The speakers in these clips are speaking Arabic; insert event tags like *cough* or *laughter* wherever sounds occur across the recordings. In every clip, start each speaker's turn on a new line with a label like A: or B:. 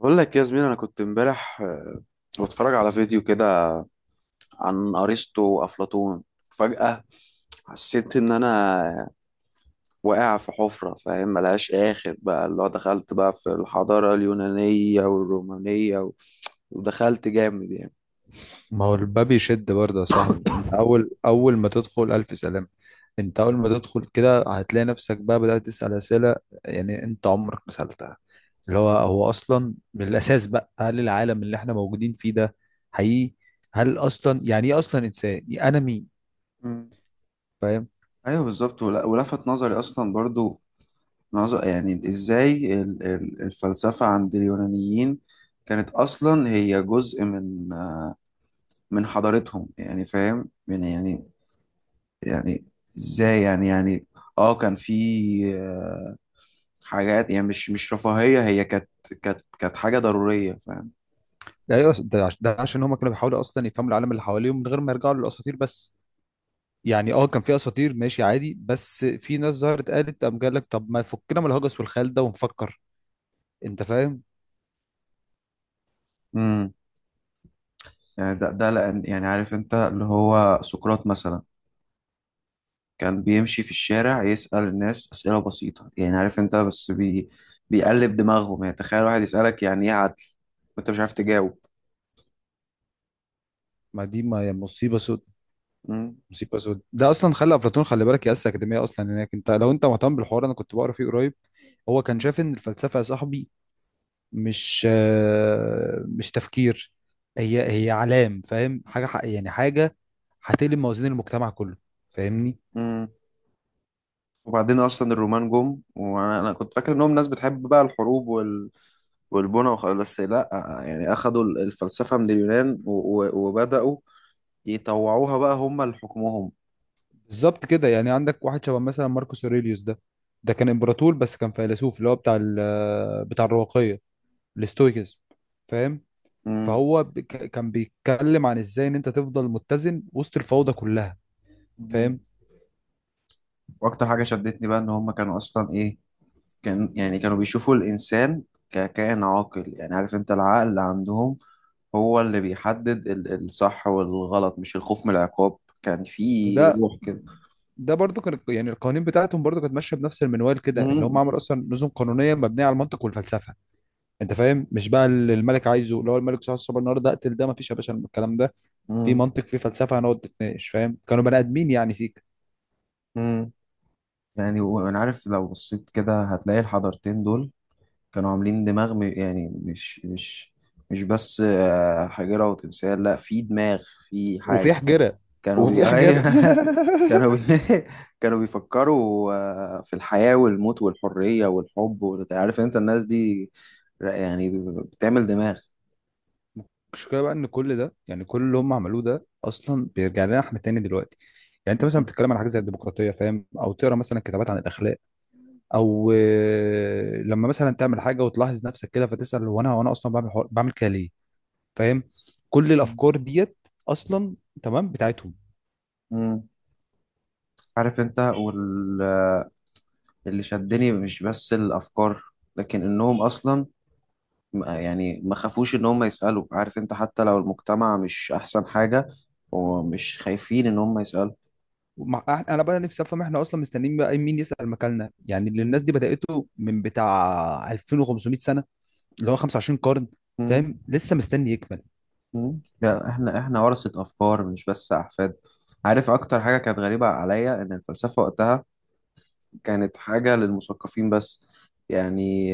A: بقول لك يا زميلي، انا كنت امبارح بتفرج على فيديو كده عن ارسطو وافلاطون. فجأة حسيت ان انا واقع في حفرة، فاهم؟ ملهاش اخر بقى، اللي هو دخلت بقى في الحضارة اليونانية والرومانية و- ودخلت جامد يعني.
B: ما هو الباب يشد برضه يا صاحبي. انت اول ما تدخل الف سلام. انت اول ما تدخل كده هتلاقي نفسك بقى بدأت تسأل اسئله، يعني انت عمرك ما سألتها. اللي هو اصلا من الاساس بقى، هل العالم اللي احنا موجودين فيه ده حقيقي؟ هل اصلا، يعني ايه اصلا انسان، يعني انا مين؟
A: مم.
B: فاهم.
A: ايوه بالظبط. ول- ولفت نظري اصلا برضو نظر، يعني ازاي الفلسفة عند اليونانيين كانت اصلا هي جزء من حضارتهم، يعني فاهم يعني ازاي يعني. اه كان في آه، حاجات يعني مش رفاهية، هي كانت حاجة ضرورية، فاهم؟
B: ده إيه أصلاً؟ ده عشان هم كانوا بيحاولوا اصلا يفهموا العالم اللي حواليهم من غير ما يرجعوا للاساطير بس. يعني كان في اساطير، ماشي عادي، بس في ناس ظهرت قالت، قام قال لك طب ما فكنا من الهجس والخيال ده ونفكر. انت فاهم؟
A: امم يعني ده لأن، يعني عارف انت، اللي هو سقراط مثلا كان بيمشي في الشارع يسأل الناس أسئلة بسيطة. يعني عارف انت بس بيقلب دماغهم. يعني تخيل واحد يسألك يعني ايه عدل وانت مش عارف تجاوب.
B: ما دي ما مصيبه سود.
A: مم.
B: مصيبه سود، ده اصلا خلى افلاطون. خلي بالك ياسس اكاديميه اصلا هناك. انت لو انت مهتم بالحوار، انا كنت بقرا فيه قريب. هو كان شايف ان الفلسفه يا صاحبي مش تفكير، هي علام، فاهم؟ حاجه ح- يعني حاجه هتقلب موازين المجتمع كله. فاهمني؟
A: مم. وبعدين اصلا الرومان جم، وانا كنت فاكر انهم ناس بتحب بقى الحروب والبنا وخلاص. بس لا، يعني اخدوا الفلسفة من اليونان و- و- وبدأوا يطوعوها بقى هم لحكمهم.
B: بالظبط كده. يعني عندك واحد شبه مثلا ماركوس اوريليوس ده كان امبراطور بس كان فيلسوف، اللي هو بتاع الرواقيه، الاستويكس. فاهم؟
A: مم.
B: فهو كان بيتكلم عن ازاي ان انت تفضل متزن وسط الفوضى كلها.
A: مم.
B: فاهم؟
A: واكتر حاجة شدتني بقى ان هم كانوا اصلا ايه، كانوا بيشوفوا الانسان ككائن عاقل. يعني عارف انت، العقل اللي عندهم هو اللي بيحدد الصح والغلط، مش الخوف من العقاب. كان في
B: وده
A: روح كده.
B: ده برضو كان، يعني القوانين بتاعتهم برضو كانت ماشيه بنفس المنوال كده، اللي هم
A: مم.
B: عملوا اصلا نظم قانونيه مبنيه على المنطق والفلسفه. انت فاهم؟ مش بقى اللي الملك عايزه، اللي هو الملك صحيح الصبح النهارده اقتل ده. ما فيش يا باشا الكلام ده. في
A: مم.
B: منطق، في فلسفه، هنقعد نتناقش. فاهم؟ كانوا بني ادمين يعني، سيك.
A: مم. يعني وانا عارف لو بصيت كده هتلاقي الحضارتين دول كانوا عاملين دماغ. يعني مش بس حجرة وتمثال، لا، في دماغ، في
B: وفي
A: حاجة.
B: حجره.
A: كانوا
B: وفي
A: *laughs* أيوة.
B: حجر
A: كانوا
B: *laughs*
A: *laughs* كانوا بيفكروا في الحياة والموت والحرية والحب. وانت عارف انت الناس دي ر- يعني بتعمل دماغ.
B: المشكله بقى ان كل ده، يعني كل اللي هم عملوه ده اصلا بيرجع لنا احنا تاني دلوقتي. يعني انت مثلا
A: مم.
B: بتتكلم عن حاجه زي الديمقراطيه، فاهم؟ او تقرا مثلا كتابات عن الاخلاق. او لما مثلا تعمل حاجه وتلاحظ نفسك كده فتسال، هو انا اصلا بعمل كده ليه؟ فاهم؟ كل الافكار ديت اصلا تمام بتاعتهم.
A: مم. عارف انت، واللي شدني مش بس الأفكار لكن انهم اصلا يعني ما خافوش ان هم يسألوا. عارف انت، حتى لو المجتمع مش احسن حاجة ومش خايفين ان هم يسألوا.
B: انا بقى نفسي افهم، احنا اصلا مستنيين بقى مين يسال مكاننا؟ يعني اللي
A: مم.
B: الناس دي بدأته من بتاع 2500 سنه، اللي هو 25 قرن.
A: مم.
B: فاهم؟ لسه مستني يكمل؟
A: مم. لا، احنا ورثة افكار مش بس احفاد. عارف اكتر حاجة كانت غريبة عليا، ان الفلسفة وقتها كانت حاجة للمثقفين بس. يعني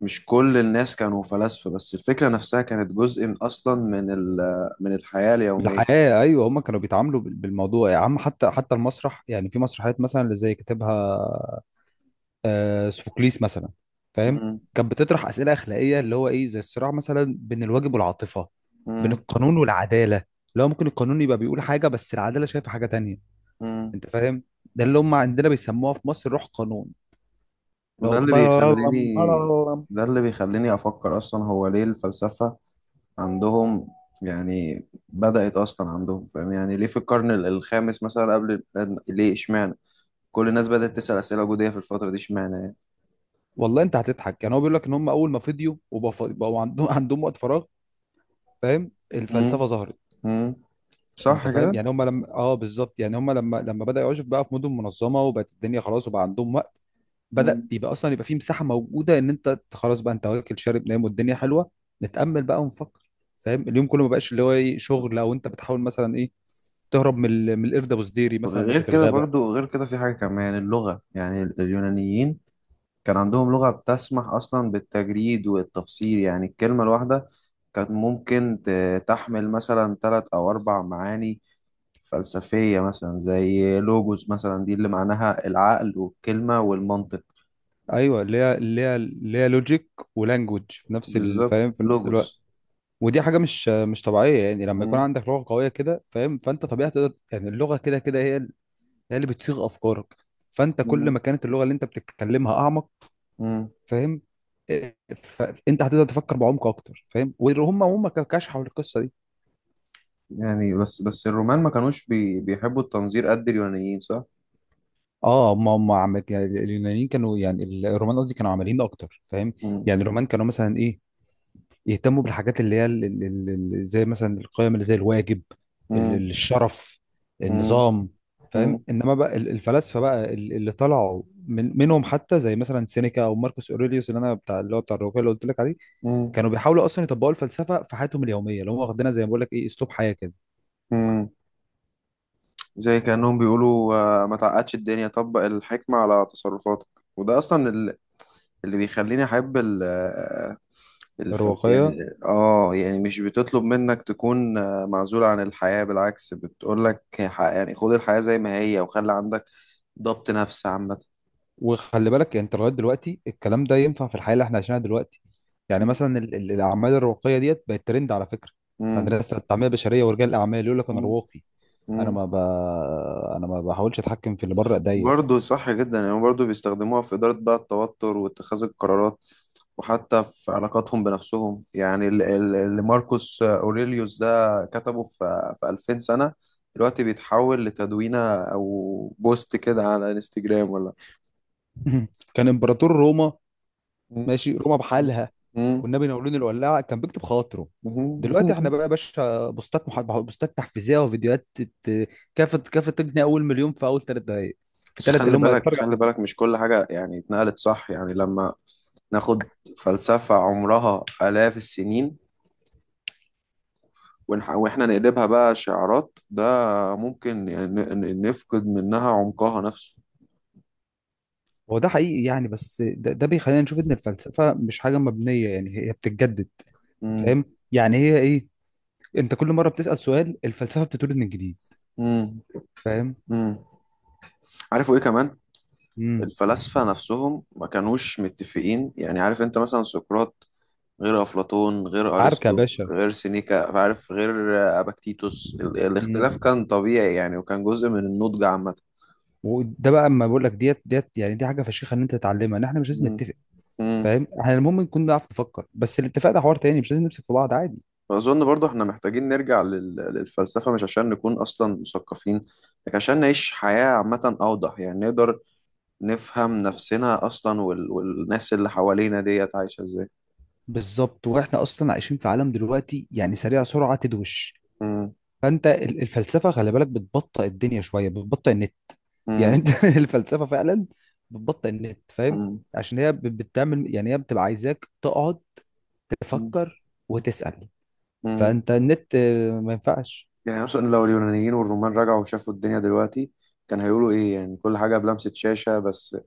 A: مش كل الناس كانوا فلاسفة، بس الفكرة نفسها كانت جزء من اصلا من الحياة اليومية.
B: بالحياة أيوة، هما كانوا بيتعاملوا بالموضوع يا عم. حتى المسرح، يعني في مسرحيات مثلا اللي زي كاتبها سوفوكليس مثلا، فاهم؟
A: مم.
B: كانت بتطرح أسئلة أخلاقية، اللي هو إيه، زي الصراع مثلا بين الواجب والعاطفة، بين
A: مم.
B: القانون والعدالة. اللي هو ممكن القانون يبقى بيقول حاجة بس العدالة شايفة حاجة تانية.
A: مم.
B: أنت فاهم؟ ده اللي هم عندنا بيسموها في مصر روح قانون، اللي
A: وده
B: هو
A: اللي
B: بلالم
A: بيخليني
B: بلالم.
A: ده اللي بيخليني أفكر أصلا. هو ليه الفلسفة عندهم يعني بدأت أصلا عندهم، فاهم؟ يعني ليه في القرن الخامس مثلا قبل الإسلام؟ ليه إشمعنى كل الناس بدأت تسأل أسئلة وجودية في الفترة دي، إشمعنى يعني.
B: والله أنت هتضحك، يعني هو بيقول لك إن هم أول ما فضيوا وبقوا عندهم وقت فراغ، فاهم؟
A: مم.
B: الفلسفة ظهرت.
A: مم.
B: انت
A: صح
B: فاهم؟
A: كده.
B: يعني هم لما بالظبط، يعني هم لما بدأ يعيشوا بقى في مدن منظمه وبقت الدنيا خلاص، وبقى عندهم وقت، بدأ
A: مم.
B: يبقى اصلا يبقى في مساحه موجوده ان انت خلاص بقى، انت واكل شارب نايم والدنيا حلوه، نتأمل بقى ونفكر. فاهم؟ اليوم كله ما بقاش اللي هو ايه، شغل، او انت بتحاول مثلا ايه، تهرب من من القرد ابو سديري مثلا
A: غير
B: اللي في
A: كده
B: الغابه.
A: برضو، غير كده في حاجة كمان. يعني اللغة، يعني اليونانيين كان عندهم لغة بتسمح أصلا بالتجريد والتفسير. يعني الكلمة الواحدة كانت ممكن تحمل مثلا ثلاث أو أربع معاني فلسفية، مثلا زي لوجوس مثلا، دي اللي معناها العقل والكلمة والمنطق.
B: ايوه، اللي هي لوجيك ولانجوج في نفس
A: بالظبط،
B: الوقت
A: لوجوس.
B: ودي حاجه مش طبيعيه. يعني لما يكون
A: مم.
B: عندك لغه قويه كده، فاهم؟ فانت طبيعي تقدر. يعني اللغه كده كده هي اللي بتصيغ افكارك. فانت كل
A: مم.
B: ما كانت اللغه اللي انت بتتكلمها اعمق،
A: مم.
B: فاهم؟ إيه، فانت هتقدر تفكر بعمق اكتر، فاهم؟ وهم كشحوا القصه دي.
A: يعني بس الرومان ما كانوش بيحبوا التنظير قد اليونانيين، صح؟
B: اه هم يعني اليونانيين كانوا، يعني الرومان قصدي، كانوا عمليين اكتر، فاهم؟
A: مم.
B: يعني الرومان كانوا مثلا ايه، يهتموا بالحاجات اللي هي زي مثلا القيم، اللي زي الواجب، ال-
A: مم.
B: ال- الشرف
A: مم.
B: النظام. فاهم؟
A: مم.
B: انما بقى الفلاسفه بقى اللي طلعوا منهم حتى، زي مثلا سينيكا او ماركوس اوريليوس، اللي هو بتاع الروايه اللي قلت لك عليه،
A: مم.
B: كانوا بيحاولوا اصلا يطبقوا الفلسفه في حياتهم اليوميه، اللي هم واخدينها زي ما بقول لك ايه، اسلوب حياه كده،
A: مم. زي كأنهم بيقولوا ما تعقدش الدنيا، طبق الحكمة على تصرفاتك. وده أصلا اللي بيخليني أحب ال- آه، الفلس
B: الرواقيه.
A: يعني اه يعني مش بتطلب منك تكون معزول عن الحياة. بالعكس، بتقول لك يعني خد الحياة زي ما هي وخلي عندك ضبط نفس عامة.
B: وخلي بالك انت لغايه دلوقتي الكلام ده ينفع في الحياه اللي احنا عايشينها دلوقتي. يعني مثلا الاعمال الرواقيه ديت بقت ترند على فكره عند
A: مم.
B: الناس، التنميه البشريه ورجال الاعمال يقول لك انا
A: مم.
B: رواقي، انا
A: مم.
B: ما ب... انا ما بحاولش اتحكم في اللي بره ايديا
A: برضه صح جدا. يعني برضه بيستخدموها في إدارة بقى التوتر واتخاذ القرارات وحتى في علاقاتهم بنفسهم. يعني اللي ماركوس أوريليوس ده كتبه في 2000 سنة، دلوقتي بيتحول لتدوينة أو بوست كده على انستجرام ولا.
B: *laughs* كان امبراطور روما،
A: مم.
B: ماشي، روما بحالها،
A: مم.
B: والنبي نورين الولاعه كان بيكتب خواطره. دلوقتي احنا
A: مم.
B: بقى يا باشا بوستات تحفيزيه وفيديوهات ت- كافه كافه تجني اول مليون في اول 3 دقائق، في
A: بس
B: 3 دقائق
A: خلي
B: اللي هم
A: بالك،
B: يتفرجوا على
A: خلي
B: الفيديو.
A: بالك، مش كل حاجة يعني اتنقلت، صح؟ يعني لما ناخد فلسفة عمرها آلاف السنين واحنا نقلبها بقى شعارات، ده ممكن يعني نفقد منها عمقها نفسه.
B: هو ده حقيقي يعني، بس ده بيخلينا نشوف ان الفلسفه مش حاجه مبنيه، يعني هي بتتجدد.
A: مم.
B: فاهم؟ يعني هي ايه، انت كل مره بتسال سؤال الفلسفه بتتولد من جديد.
A: مم.
B: فاهم؟
A: مم. عارفوا ايه كمان؟
B: امم
A: الفلاسفة نفسهم ما كانوش متفقين. يعني عارف انت مثلا سقراط غير أفلاطون غير
B: عركه يا
A: أرسطو
B: باشا.
A: غير سينيكا، عارف، غير أباكتيتوس.
B: امم
A: الاختلاف كان طبيعي يعني، وكان جزء من النضج عامة.
B: وده بقى اما بقول لك، ديت يعني، دي حاجه فشيخه ان انت تتعلمها، ان احنا مش لازم
A: مم.
B: نتفق.
A: مم.
B: فاهم؟ احنا المهم نكون بنعرف نفكر. بس الاتفاق ده حوار تاني، مش لازم نمسك في بعض عادي.
A: فأظن برضو احنا محتاجين نرجع للفلسفة، مش عشان نكون أصلا مثقفين لكن عشان نعيش حياة عامة أوضح. يعني نقدر نفهم نفسنا أصلا والناس اللي حوالينا ديت عايشة إزاي.
B: بالظبط، واحنا اصلا عايشين في عالم دلوقتي يعني سريع، سرعه تدوش.
A: مم.
B: فانت الفلسفه خلي بالك بتبطئ الدنيا شويه، بتبطئ النت. يعني
A: مم.
B: انت *laughs* الفلسفه فعلا بتبطئ النت. فاهم؟
A: مم.
B: عشان هي بتعمل، يعني هي بتبقى عايزاك تقعد تفكر وتسال.
A: مم.
B: فانت النت ما ينفعش.
A: يعني اصلا لو اليونانيين والرومان رجعوا وشافوا الدنيا دلوقتي كان هيقولوا ايه؟ يعني كل حاجه بلمسه شاشه بس.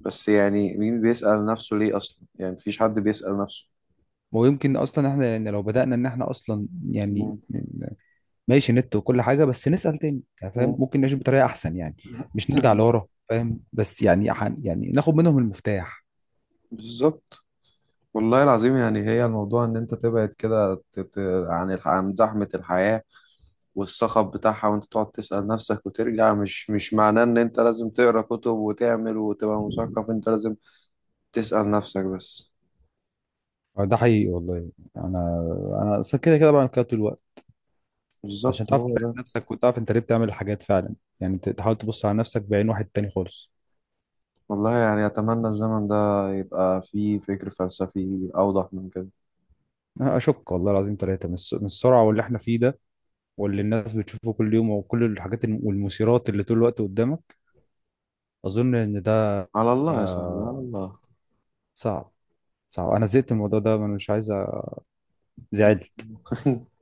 A: بس يعني مين بيسأل نفسه ليه اصلا؟ يعني مفيش حد بيسأل نفسه.
B: ويمكن اصلا احنا يعني، لو بدانا ان احنا اصلا يعني
A: مم.
B: ماشي نت وكل حاجه بس نسال تاني، يعني
A: *laughs*
B: فاهم،
A: مم.
B: ممكن نعيش بطريقه احسن يعني. مش نرجع
A: *clears throat*
B: لورا. فاهم؟ بس يعني يعني ناخد منهم المفتاح.
A: بالظبط. والله العظيم يعني هي الموضوع ان انت تبعد كده عن زحمه الحياه والصخب بتاعها، وانت تقعد تسأل نفسك وترجع. مش معناه ان انت لازم تقرا كتب وتعمل وتبقى مثقف، انت لازم تسأل نفسك بس.
B: ده حقيقي والله. انا انا اصلا كده كده بعمل كده طول الوقت، عشان
A: بالظبط،
B: تعرف
A: هو
B: تراقب
A: ده.
B: نفسك وتعرف انت ليه بتعمل الحاجات فعلا. يعني تحاول تبص على نفسك بعين واحد تاني خالص.
A: والله يعني أتمنى الزمن ده يبقى فيه فكر فلسفي أوضح من كده.
B: أنا اشك والله العظيم ثلاثه من من السرعه واللي احنا فيه ده، واللي الناس بتشوفه كل يوم، وكل الحاجات والمثيرات اللي طول الوقت قدامك. اظن ان ده
A: على الله يا صاحبي، على
B: آه،
A: الله.
B: صعب. صعب. انا زهقت من الموضوع ده، انا مش عايز زعل.
A: *laughs*